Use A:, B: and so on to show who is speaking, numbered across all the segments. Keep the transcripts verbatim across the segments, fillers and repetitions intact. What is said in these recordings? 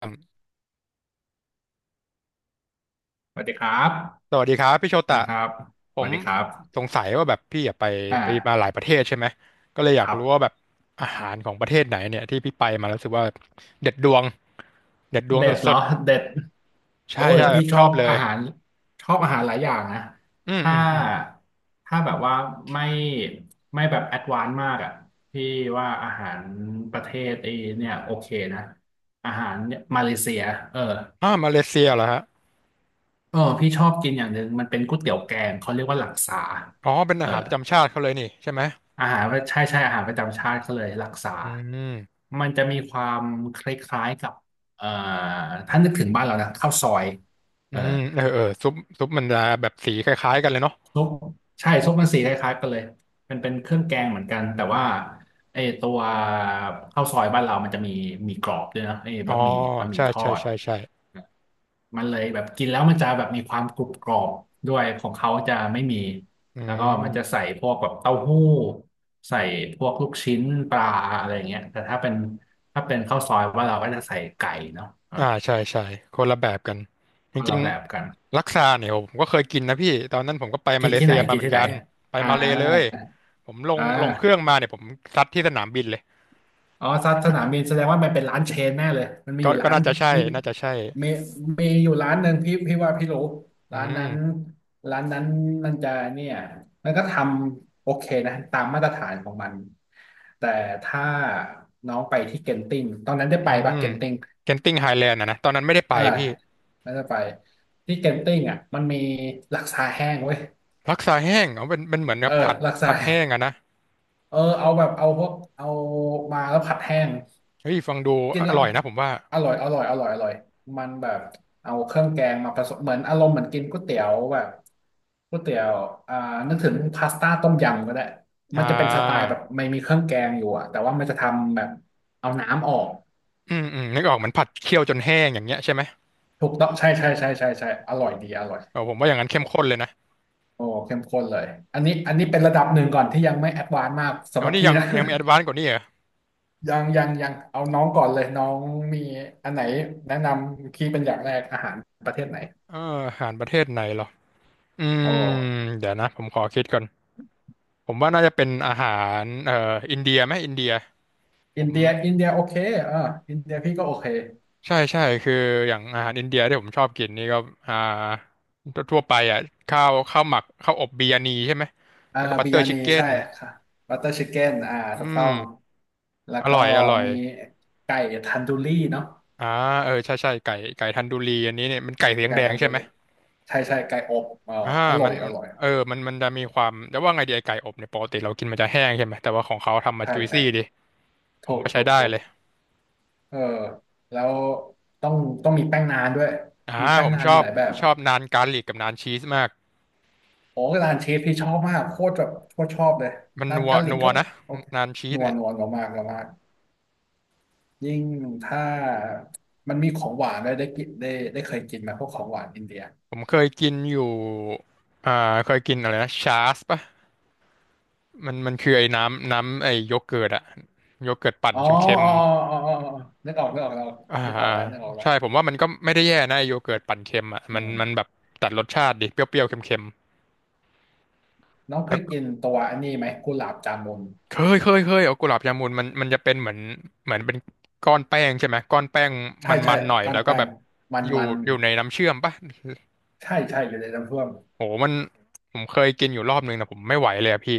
A: ครับ
B: สวัสดีครับ
A: สวัสดีครับพี่โชตะ
B: นะครับ
A: ผ
B: สวั
A: ม
B: สดีครั
A: ส
B: บ
A: งสัยว่าแบบพี่อะไป
B: อ่า
A: ไปมาหลายประเทศใช่ไหมก็เลยอยา
B: ค
A: ก
B: รั
A: รู้ว่า
B: บ
A: แบบอาหารของประเทศไหนเนี่ยที่พี่ไปมาแล้วรู้สึกว่าเด็ดดวงเด็ดดวง
B: เด็ดเหร
A: สุ
B: อ
A: ด
B: เด็ด
A: ๆ
B: โอ้
A: ใช่
B: ย
A: ใช่แบ
B: พี่
A: บ
B: ช
A: ช
B: อ
A: อ
B: บ
A: บเล
B: อา
A: ย
B: หารชอบอาหารหลายอย่างนะ
A: อืม
B: ถ้า
A: อืมอืม
B: ถ้าแบบว่าไม่ไม่แบบแอดวานซ์มากอ่ะพี่ว่าอาหารประเทศไอ้เนี่ยโอเคนะอาหารเนี่ยมาเลเซียเออ
A: อ่ามาเลเซียเหรอฮะ
B: เออพี่ชอบกินอย่างหนึ่งมันเป็นก๋วยเตี๋ยวแกงเขาเรียกว่าหลักษา
A: อ๋อเป็น
B: เอ
A: อา
B: อ
A: หารประจำชาติเขาเลยนี่ใช่ไหม
B: อาหารใช่ใช่อาหารประจำชาติเขาเลยรักษา
A: อืม
B: มันจะมีความคล้ายๆกับเอ่อถ้านึกถึงบ้านเรานะข้าวซอยเอ
A: อื
B: อ
A: มเออเออซุปซุปมันจะแบบสีคล้ายๆกันเลยเนาะ
B: ซุปใช่ซุปมันสีคล้ายๆกันเลยมันเป็นเครื่องแกงเหมือนกันแต่ว่าไอ้ตัวข้าวซอยบ้านเรามันจะมีมีกรอบด้วยนะไอ้
A: อ๋อ
B: บะหมี่บะหมี่
A: ใช่
B: ทอ
A: ใช่
B: ด
A: ใช่ใช่
B: มันเลยแบบกินแล้วมันจะแบบมีความกรุบกรอบด้วยของเขาจะไม่มี
A: อื
B: แล้วก็มันจะ
A: ม
B: ใส่พวกแบบเต้าหู้ใส่พวกลูกชิ้นปลาอะไรอย่างเงี้ยแต่ถ้าเป็นถ้าเป็นข้าวซอยว่านเราก็จะใส่ไก่เนาะอ่า
A: อ่าใช่ใช่คนละแบบกันจ
B: ก็
A: ริ
B: ละ
A: ง
B: แบบกัน
A: ลักซาเนี่ยผมก็เคยกินนะพี่ตอนนั้นผมก็ไป
B: กิ
A: มา
B: น
A: เล
B: ที่
A: เซี
B: ไหน
A: ยมา
B: กิน
A: เหมือน
B: ที่ไหน
A: กันไป
B: อ่า
A: มาเลเลยผมลง
B: อ่
A: ลงเครื่อง
B: า
A: มาเนี่ยผมซัดที่สนามบินเลย
B: อ๋อสสนามบินแสดงว่ามันเป็นร้านเชนแน่เลยมันมีอ
A: ก็
B: ยู่
A: ก็
B: ร้าน
A: น่าจะใช่
B: มี
A: น่าจะใช่
B: มีมีอยู่ร้านหนึ่งพี่พี่ว่าพี่รู้
A: อื
B: ร้านนั้
A: ม
B: นร้านนั้นมันจะเนี่ยมันก็ทำโอเคนะตามมาตรฐานของมันแต่ถ้าน้องไปที่เก็นติงตอนนั้นได้
A: อื
B: ไปปะ
A: ม
B: เก็นติง
A: เคนติงไฮแลนด์อะนะตอนนั้นไม่ได้ไป
B: เออ
A: พี่
B: ไม่ได้ไปที่เก็นติงอ่ะมันมีลักซาแห้งเว้ย
A: ลักซาแห้งเอาเป็นเป็นเหมือน
B: เอ
A: กับ
B: อ
A: ผัด
B: ลักซา
A: ผัดแห้งอะนะ
B: เออเอาแบบเอาพวกเอามาแล้วผัดแห้ง
A: เฮ้ยฟังดู
B: กิน
A: อ
B: แล้ว
A: ร่อยนะผมว่า
B: อร่อยอร่อยอร่อยอร่อยมันแบบเอาเครื่องแกงมาผสมเหมือนอารมณ์เหมือนกินก๋วยเตี๋ยวแบบก๋วยเตี๋ยวอ่านึกถึงพาสต้าต้มยำก็ได้มัน
A: อ่า
B: จะเป็นสไตล์แบบไม่มีเครื่องแกงอยู่อะแต่ว่ามันจะทำแบบเอาน้ำออก
A: อืมอืมนึกออกเหมือนผัดเคี่ยวจนแห้งอย่างเงี้ยใช่ไหม
B: ถูกต้องใช่ใช่ใช่ใช่ใช่อร่อยดีอร่อย
A: เออผมว่าอย่างนั้นเข้มข้นเลยนะ
B: โอ้เข้มข้นเลยอันนี้อันนี้เป็นระดับหนึ่งก่อนที่ยังไม่แอดวานซ์มาก
A: แล้
B: สำห
A: ว
B: รับ
A: นี่
B: พี่
A: ยัง
B: นะ
A: ยังแอดวานซ์กว่านี้เหรอ
B: ยังยังยังเอาน้องก่อนเลยน้องมีอันไหนแนะนำพี่เป็นอย่างแรกอาหารประเทศไหน
A: เอออาหารประเทศไหนเหรออื
B: โอ
A: ม
B: ้
A: เดี๋ยวนะผมขอคิดก่อน ผมว่าน่าจะเป็นอาหารเอ่ออินเดียไหมอินเดียผ
B: อิน
A: ม
B: เดียอินเดียโอเคอ่าอินเดียพี่ก็โอเค
A: ใช่ใช่คืออย่างอาหารอินเดียที่ผมชอบกินนี่ก็อ่าทั่วไปอ่ะข้าวข้าวหมักข้าวอบบิยานีใช่ไหม
B: อ่า
A: แล้วก็บัต
B: บิ
A: เตอ
B: รย
A: ร์ชิ
B: นี
A: คเก้
B: ใช่
A: น
B: ค่ะบัตเตอร์ชิคเก้นอ่า
A: อื
B: ถูกต้
A: ม
B: องแล้ว
A: อ
B: ก็
A: ร่อยอร่อย
B: มีไก่ทันดูรี่เนาะ
A: อ่าเออใช่ใช่ไก่ไก่ทันดูรีอันนี้เนี่ยมันไก่สี
B: ไก่
A: แดง
B: ทัน
A: ๆใช่
B: ดู
A: ไหม
B: รี่ใช่ใช่ไก่อบเออ
A: อ่า
B: อร่อ
A: มั
B: ย
A: น
B: อร่อย
A: เออมันมันจะมีความแต่ว่าไงดีไอไก่อบเนี่ยปกติเรากินมันจะแห้งใช่ไหมแต่ว่าของเขาทำมา
B: ใช่
A: จุย
B: ใช่
A: ซี่ดิผม
B: ถูก
A: ว่าใช้
B: ถูก
A: ได้
B: ถูก
A: เลย
B: เออแล้วต้องต้องมีแป้งนานด้วย
A: อ่า
B: มีแป้
A: ผ
B: ง
A: ม
B: นาน
A: ชอ
B: มี
A: บ
B: หลายแบบ
A: ชอบนานการลิกกับนานชีสมาก
B: โอ้ร้านเชฟพี่ชอบมากโคตรแบบโคตรชอบเลย
A: มัน
B: นาน
A: นัว
B: กาลิก
A: นัว
B: ก็
A: นะ
B: โอเค
A: นานชี
B: น
A: ส
B: วล
A: เนี่ย
B: นัวนมากนมาก ยิ่งถ้ามันมีของหวานได้ได้กินได้ได้เคยกินไหมพวกของหวานอินเดีย
A: ผมเคยกินอยู่อ่าเคยกินอะไรนะชาสป่ะมันมันคือไอ้น้ำน้ำไอ้โยเกิร์ตอะโยเกิร์ตปั่น
B: อ๋อ
A: เค็ม
B: อ๋ออ๋ออ๋ออ๋อนึกออกนึกออกแล้ว
A: ๆอ่า
B: นึกออก
A: อ่า
B: แล้วนึกออกแล้ว
A: ใช่ผมว่ามันก็ไม่ได้แย่นะไอ้โยเกิร์ตปั่นเค็มอะ
B: อื
A: มันมันแบ
B: ม
A: บตัดรสชาติดิเปรี้ยวๆเค็ม
B: น้อง
A: ๆ
B: เค
A: แล้ว
B: ย
A: ก็
B: กินตัวอันนี้ไหมกุหลาบจามุน
A: เคยเคยเคยเอากุหลาบยามูนมันมันจะเป็นเหมือนเหมือนเป็นก้อนแป้งใช่ไหมก้อนแป้ง
B: ใช่ใช่
A: มันๆหน่อย
B: ก้อ
A: แล้
B: น
A: วก็
B: แป้
A: แบ
B: ง
A: บ
B: มัน
A: อยู่
B: มัน
A: อยู่ในน้ำเชื่อมป่ะ
B: ใช่ใช่อยู่ในน้ำท่วม
A: โหมันผมเคยกินอยู่รอบนึงนะผมไม่ไหวเลยอะพี่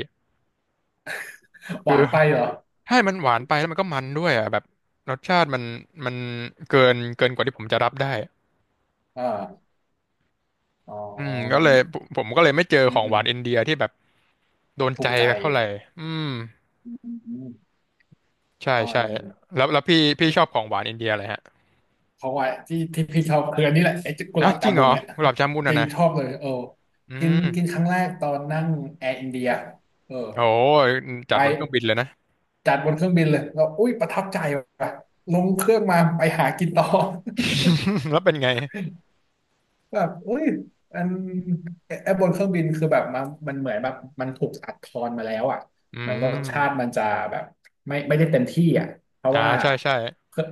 B: ห
A: คื
B: วา
A: อ
B: นไปเหรอ
A: ใช่มันหวานไปแล้วมันก็มันด้วยอ่ะแบบรสชาติมันมันเกินเกินกว่าที่ผมจะรับได้
B: อ่าอ๋อ
A: อืมก็
B: มัน
A: เลยผมผมก็เลยไม่เจอ
B: อื
A: ข
B: ม
A: อง
B: อื
A: ห
B: ม
A: วานอินเดียที่แบบโดน
B: ถู
A: ใจ
B: กใจ
A: สักเท่าไหร่อืม
B: อืม
A: ใช่
B: ตอน
A: ใช่แล้วแล้วพี่พี่ชอบ
B: เอ๊
A: ของหวานอินเดียอะไรฮะ
B: เขาะวาที่ที่พี่ชอบคืออันนี้แหละไอ้กุห
A: อ้า
B: ลา
A: ว
B: บ
A: จ
B: จา
A: ริงเห
B: มุ
A: ร
B: น
A: อ
B: เนี่ย
A: กุหลาบจามุน
B: จ
A: อ่ะ
B: ริง
A: นะ
B: ชอบเลยเออ
A: อื
B: กิน
A: ม
B: กินครั้งแรกตอนนั่งแอร์อินเดียเออ
A: โอ้ยจั
B: ไป
A: ดบนเครื่องบินเลยนะ
B: จัดบนเครื่องบินเลยแล้วอุ้ยประทับใจว่ะลงเครื่องมาไปหากินต่อ
A: แล้วเป็นไง
B: แบบอุ้ยอันไอ้บนเครื่องบินคือแบบมันมันเหมือนแบบมันถูกอัดทอนมาแล้วอ่ะ
A: อื
B: เหมือนรสชาติ
A: ม
B: มันจะแบบไม่ไม่ได้เต็มที่อ่ะเพราะ
A: อ่า
B: ว่า
A: ใช่ใช่
B: เครื่อง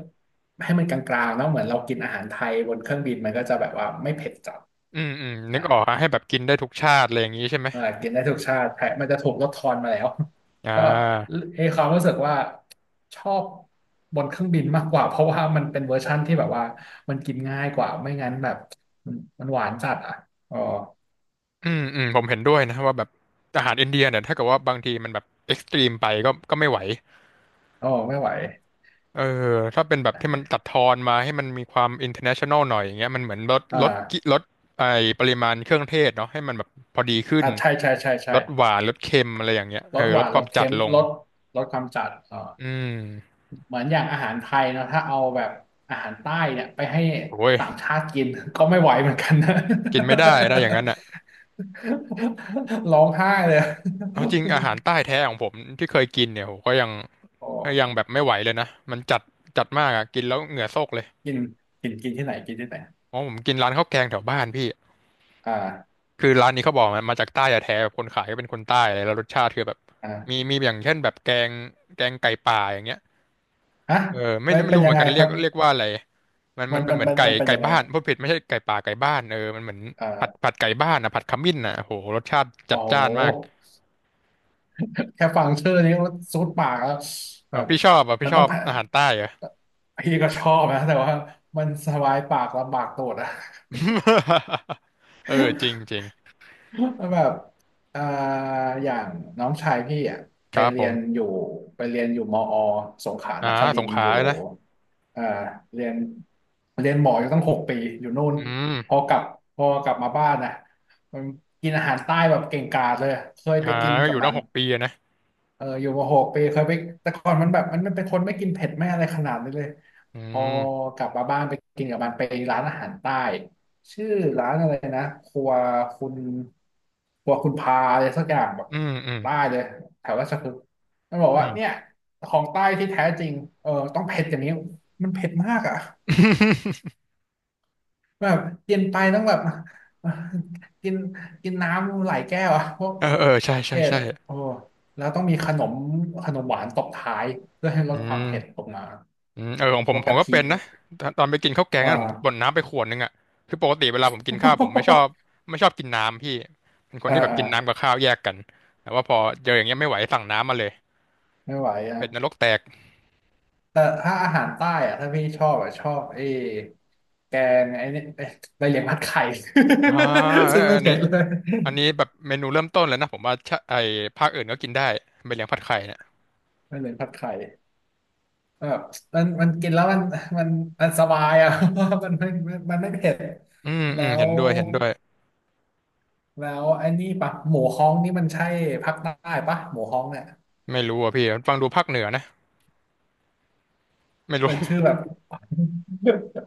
B: ให้มันกลางๆเนาะเหมือนเรากินอาหารไทยบนเครื่องบินมันก็จะแบบว่าไม่เผ็ดจัด
A: อืมอืมนึ
B: อ่า
A: กออกฮะให้แบบกินได้ทุกชาติอะไรอย่างนี้ใช่ไหม
B: เออกินได้ทุกชาติแต่มันจะถูกลดทอนมาแล้ว
A: อ่
B: ก็
A: า
B: เอความรู้สึกว่าชอบบนเครื่องบินมากกว่าเพราะว่ามันเป็นเวอร์ชั่นที่แบบว่ามันกินง่ายกว่าไม่งั้นแบบมันมันหวานจัดอ่ะอ๋อ
A: อืมอืม ผมเห็นด้วยนะว่าแบบอาหารอินเดียเนี่ย ถ้าเกิดว่าบางทีมันแบบเอ็กซ์ตรีมไปก็ก็ไม่ไหว
B: โอ้ไม่ไหว
A: เออ ถ้าเป็นแบบที่มันตัดทอนมาให้มันมีความอินเ r อร์เนชั่นแนลหน่อยอย่างเงี้ยมันเหมือนลด
B: อ่
A: ลดกิ
B: า
A: ลดไอปริมาณเครื่องเทศเนาะให้มันแบบพอดีขึ้น
B: อ่าใช่ใช่ใช่ใช่
A: ลดหวานลดเค็มอะไรอย่างเงี้ย
B: ล
A: เออ
B: ดห
A: ล
B: วา
A: ด
B: น
A: ค
B: ล
A: วาม
B: ด
A: จัด
B: เค็ม
A: ลง
B: ลดลดความจัดอ่า
A: อืม
B: เหมือนอย่างอาหารไทยเนอะถ้าเอาแบบอาหารใต้เนี่ยไปให้
A: โอ้ย
B: ต่างชาติกิน ก็ไม่ไหวเหมือนกันนะ
A: กินไม่ได้ได้อย่างนั้นอ่ะ
B: ร้องไห้เลย
A: เอาจริ งอาหารใต้แท้ของผมที่เคยกินเนี่ยโหก็ยัง
B: โอ้
A: ก็ยังแบบไม่ไหวเลยนะมันจัดจัดมากอ่ะกินแล้วเหงื่อโซกเลย
B: กินกินกินที่ไหนกินที่ไหน
A: อ๋อผมกินร้านข้าวแกงแถวบ้านพี่
B: อ่า
A: คือร้านนี้เขาบอกมันมาจากใต้แท้ๆแบบคนขายก็เป็นคนใต้อะไรแล้วรสชาติคือแบบมี
B: อ่า
A: มีอย่างเช่นแบบแกงแกงไก่ป่าอย่างเงี้ย
B: ฮะ
A: เออไม่
B: มัน
A: รู้ไม่
B: เป็น
A: รู้เห
B: ยั
A: มื
B: ง
A: อน
B: ไง
A: กัน
B: ค
A: เรีย
B: รั
A: ก
B: บ
A: เรียกว่าอะไรมัน
B: มั
A: มั
B: น
A: นเป็น
B: มัน
A: เหมือน
B: มัน
A: ไก่
B: มันเป็น
A: ไก่
B: ยังไง
A: บ้านพูดผิดไม่ใช่ไก่ป่าไก่บ้านเออมันเหมือนผัด
B: อ่า
A: ผัดไก่บ้านอ่ะผัดขมิ้นอ่ะโหรสชาติจั
B: อ๋อ
A: ดจ้านมาก
B: แค่ฟังชื่อนี้ก็ซูดปากแล้ว
A: เอ
B: แบ
A: อ
B: บ
A: พี่ชอบอ่ะพี่
B: มัน
A: ช
B: ต้
A: อ
B: อง
A: บ
B: ผ่า
A: อา
B: น
A: หารใต้เหรอ่ะ
B: พี่ก็ชอบนะแต่ว่ามันสบายปากลำบากตูดอะ
A: เออจริงจ ริง
B: แล้วแบบเอ่าอย่างน้องชายพี่อ่ะ
A: ค
B: ไป
A: รับผ
B: เรีย
A: ม
B: นอยู่ไปเรียนอยู่มอสงขลา
A: อ่า
B: นค
A: ส
B: ริ
A: ง
B: นท
A: ข
B: ร์
A: ลา
B: อยู่
A: นะ
B: เอ่อเรียนเรียนหมออยู่ตั้งหกปีอยู่นู่น
A: อื
B: พอ
A: ม
B: กลับพอกลับมาบ้านนะมันกินอาหารใต้แบบเก่งกาจเลยเคยไป
A: อ่า
B: กิน
A: ก็
B: กั
A: อ
B: บ
A: ยู่ตั้
B: มั
A: ง
B: น
A: หกปีอะนะ
B: เอออยู่มาหกปีเคยไปแต่ก่อนมันแบบมันมันเป็นคนไม่กินเผ็ดไม่อะไรขนาดนี้เลย
A: อื
B: พอ
A: ม
B: กลับมาบ้านไปกินกับมันไปร้านอาหารใต้ชื่อร้านอะไรนะครัวคุณครัวคุณพาอะไรสักอย่างแบบ
A: อืมอืม
B: ใต้เลยแถวราชพฤกษ์มันบอก
A: อื
B: ว่า
A: ม
B: เนี่ยของใต้ที่แท้จริงเออต้องเผ็ดอย่างนี้มันเผ็ดมากอ่ะ แบบกินไปต้องแบบ กินกินน้ำหลายแก้วอะพวก
A: เออเออใช่ใช่
B: เผ็ด
A: ใช่
B: โอ้แล้วต้องมีขนมขนมหวานตบท้ายเพื่อให้ล
A: อื
B: ดความ
A: ม
B: เผ็ดลงมา
A: อืมเออของผ
B: พ
A: ม
B: วก
A: ผม
B: กะ
A: ก็
B: ทิ
A: เป็นนะตอนตอนไปกินข้าวแกง
B: อ่า
A: นั่นผมบ่นน้ำไปขวดนึงอ่ะคือปกติเวลาผมกินข้าวผมไม่ชอบ ไม่ชอบกินน้ำพี่เป็นคน
B: เออ
A: ที่แบบ
B: เออ
A: กินน้ำกับข้าวแยกกันแต่ว่าพอเจออย่างเงี้ยไม่ไหวสั่งน้ำมาเลย
B: ไม่ไหวอ่ะ
A: เป็ดนรกแตก
B: แต่ถ้าอาหารใต้อ่ะถ้าพี่ชอบอ่ะชอบไอ้แกงไอ้นี่ไอ้ใบเหลียงผัดไข่
A: อ่าเอ อ
B: ซึ่งไม่
A: อันนี้
B: เผ็ดเลย
A: อันนี้แบบเมนูเริ่มต้นเลยนะผมว่าชะไอ้ภาคอื่นก็กินได้เป็นเลี้ยงผัดไข่เนี่ย
B: ใบเหลียงผัดไข่ แบบมันมันกินแล้วมันมันมันสบายอ่ะ เพราะว่ามันไม่มันมันไม่เผ็ด
A: อืมอื
B: แล้
A: มเห็
B: ว
A: นด้วยเห็นด้วย
B: แล้วไอ้นี่ปะหมูฮ้องนี่มันใช่ภาคใต้ปะ หมูฮ้องเนี่ย
A: ไม่รู้อ่ะพี่ฟังดูภาคเหนือนะไม่รู้
B: มันชื่อแบบ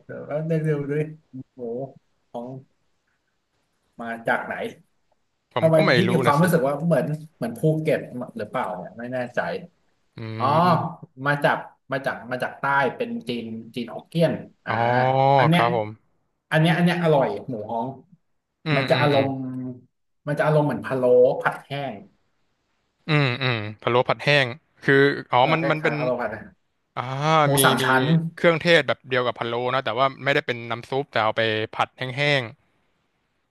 B: เดี๋ยวแป๊บนึงเดูดวยหมูฮ้องมาจากไหน
A: ผม
B: ทำไม
A: ก็ไม่
B: พี่มี
A: รู้
B: ควา
A: นะ
B: ม
A: สิ
B: รู้สึกว่าเหมือนเหมือนภูเก็ตหรือเปล่าเนี่ยไม่แน่ใจ
A: อื
B: อ๋อ
A: ม
B: มาจากมาจากมาจากใต้เป็นจีนจีนฮกเกี้ยนอ่า
A: อ๋อ
B: อัน
A: ค
B: เนี้ย
A: รับผม
B: อันเนี้ยอันเนี้ยอร่อยหมูฮ้อง
A: อืม
B: มันจะ
A: อืม
B: อาร
A: อืม
B: มณ์มันจะอารมณ์เหมือนพะโล้ผัดแห้ง
A: อืมอืมพะโล้ผัดแห้งคืออ๋อ
B: เออ
A: มัน
B: ค
A: มันเป็
B: ล้าย
A: น
B: ๆพะโล้ผัดแห้ง
A: อ่า
B: หมู
A: มี
B: สาม
A: มี
B: ชั้น
A: เครื่องเทศแบบเดียวกับพะโล้นะแต่ว่าไม่ได้เป็นน้ำซุปแต่เอาไปผัดแห้ง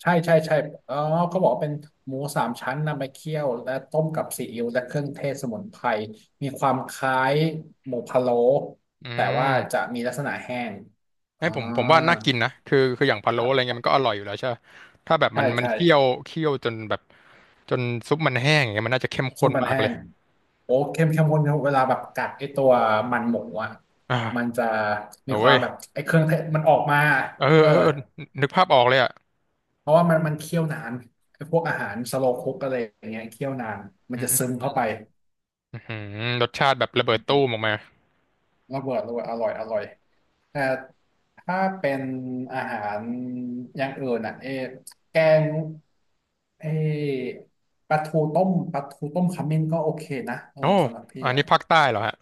B: ใช่ใช่ใช่อ๋อเขาบอกว่าเป็นหมูสามชั้นนำไปเคี่ยวและต้มกับซีอิ๊วและเครื่องเทศสมุนไพรมีความคล้ายหมูพะโล้
A: ๆอื
B: แต่ว่า
A: ม
B: จะมีลักษณะแห้ง
A: ให้
B: อ่า
A: ผมผมว่าน่ากินนะคือคืออย่างพะ
B: ค
A: โล้อะไร
B: รับ
A: เงี้ยมันก็อร่อยอยู่แล้วใช่ปะถ้าแบบ
B: ใช่
A: มันมัน
B: ใช่
A: เคี่ยวเคี่ยวจนแบบจนซุปมันแห้งอย่างเงี้ยมันน่าจะเข้ม
B: ซุ
A: ข้น
B: ปมัน
A: มาก
B: แห้
A: เลย
B: งโอ้เค็มเค็มคนเวลาแบบกัดไอตัวมันหมูอ่ะมัน
A: อ่า
B: จะมี
A: โอ้
B: ควา
A: ย
B: มแบบไอเครื่องเทศมันออกมา
A: เออ
B: เออ
A: เออเออนึกภาพออกเลยอ่ะ
B: เพราะว่ามันมันเคี่ยวนานไอพวกอาหารสโลว์คุกอะไรอย่างเงี้ยเคี่ยวนานมัน
A: อื
B: จะซึม
A: ม
B: เข้าไป
A: อื้อหือรสชาติแบบระเบิดตู้มออกมา
B: ระเบิดเลยอร่อยอร่อยแต่ถ้าเป็นอาหารอย่างอื่นอ่ะเออแกงเออปลาทูต้มปลาทูต้มขมิ้นก็โอเคนะเออ
A: โอ้
B: สำหรับพี่
A: อัน
B: อ่ะ
A: นี้ภาคใต้เหรอฮะ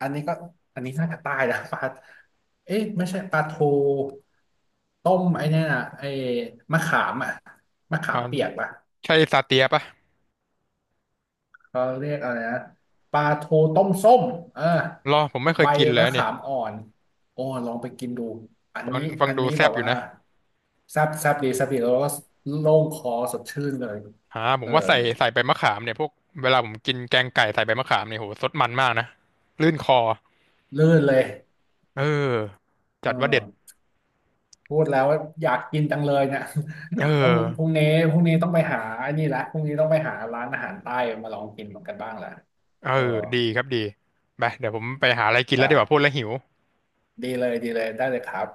B: อันนี้ก็อันนี้น่าจะใต้นะ ปลาเอ๊ะไม่ใช่ปลาทูต้มไอ้เนี่ยนะไอ้มะขามอ่ะมะขา
A: อ่า
B: มเปียกป่ะ
A: ใช่ซาเตียปะ
B: เขาเรียกอะไรนะปลาทูต้มส้มอ่า
A: รอผมไม่เค
B: ใบ
A: ยกินเลย
B: มะ
A: เนี่
B: ขา
A: ย
B: มอ่อนโอ้ลองไปกินดูอัน
A: ฟัง
B: นี้
A: ฟัง
B: อัน
A: ดู
B: นี้
A: แซ่
B: แบ
A: บ
B: บ
A: อยู่
B: ว่า
A: นะ
B: แซ่บแซ่บดีแซ่บดีแล้วก็โล่งคอสดชื่นเลย
A: อ่าผ
B: เอ
A: ม
B: อ
A: ว่าใส่ใส่ใบมะขามเนี่ยพวกเวลาผมกินแกงไก่ใส่ใบมะขามเนี่ยโหสดมันมากนะลื่นคอ
B: ลื่นเลย
A: เออ
B: เออ
A: จัดว่าเด็ด
B: พูดแล้วว่าอยากกินจังเลยเนี่ย
A: เออ
B: ต้องพรุ่งนี้พรุ่งนี้ต้องไปหาไอันนี้ละพรุ่งนี้ต้องไปหาร้านอาหารใต้มาลองกินกันบ้างละ
A: เออ
B: เออ
A: ดีครับดีไปเดี๋ยวผมไปหาอะไรกินแล้วดีกว่าพูด
B: ไป
A: แล้วหิว
B: ดีเลยดีเลยได้เลยครับ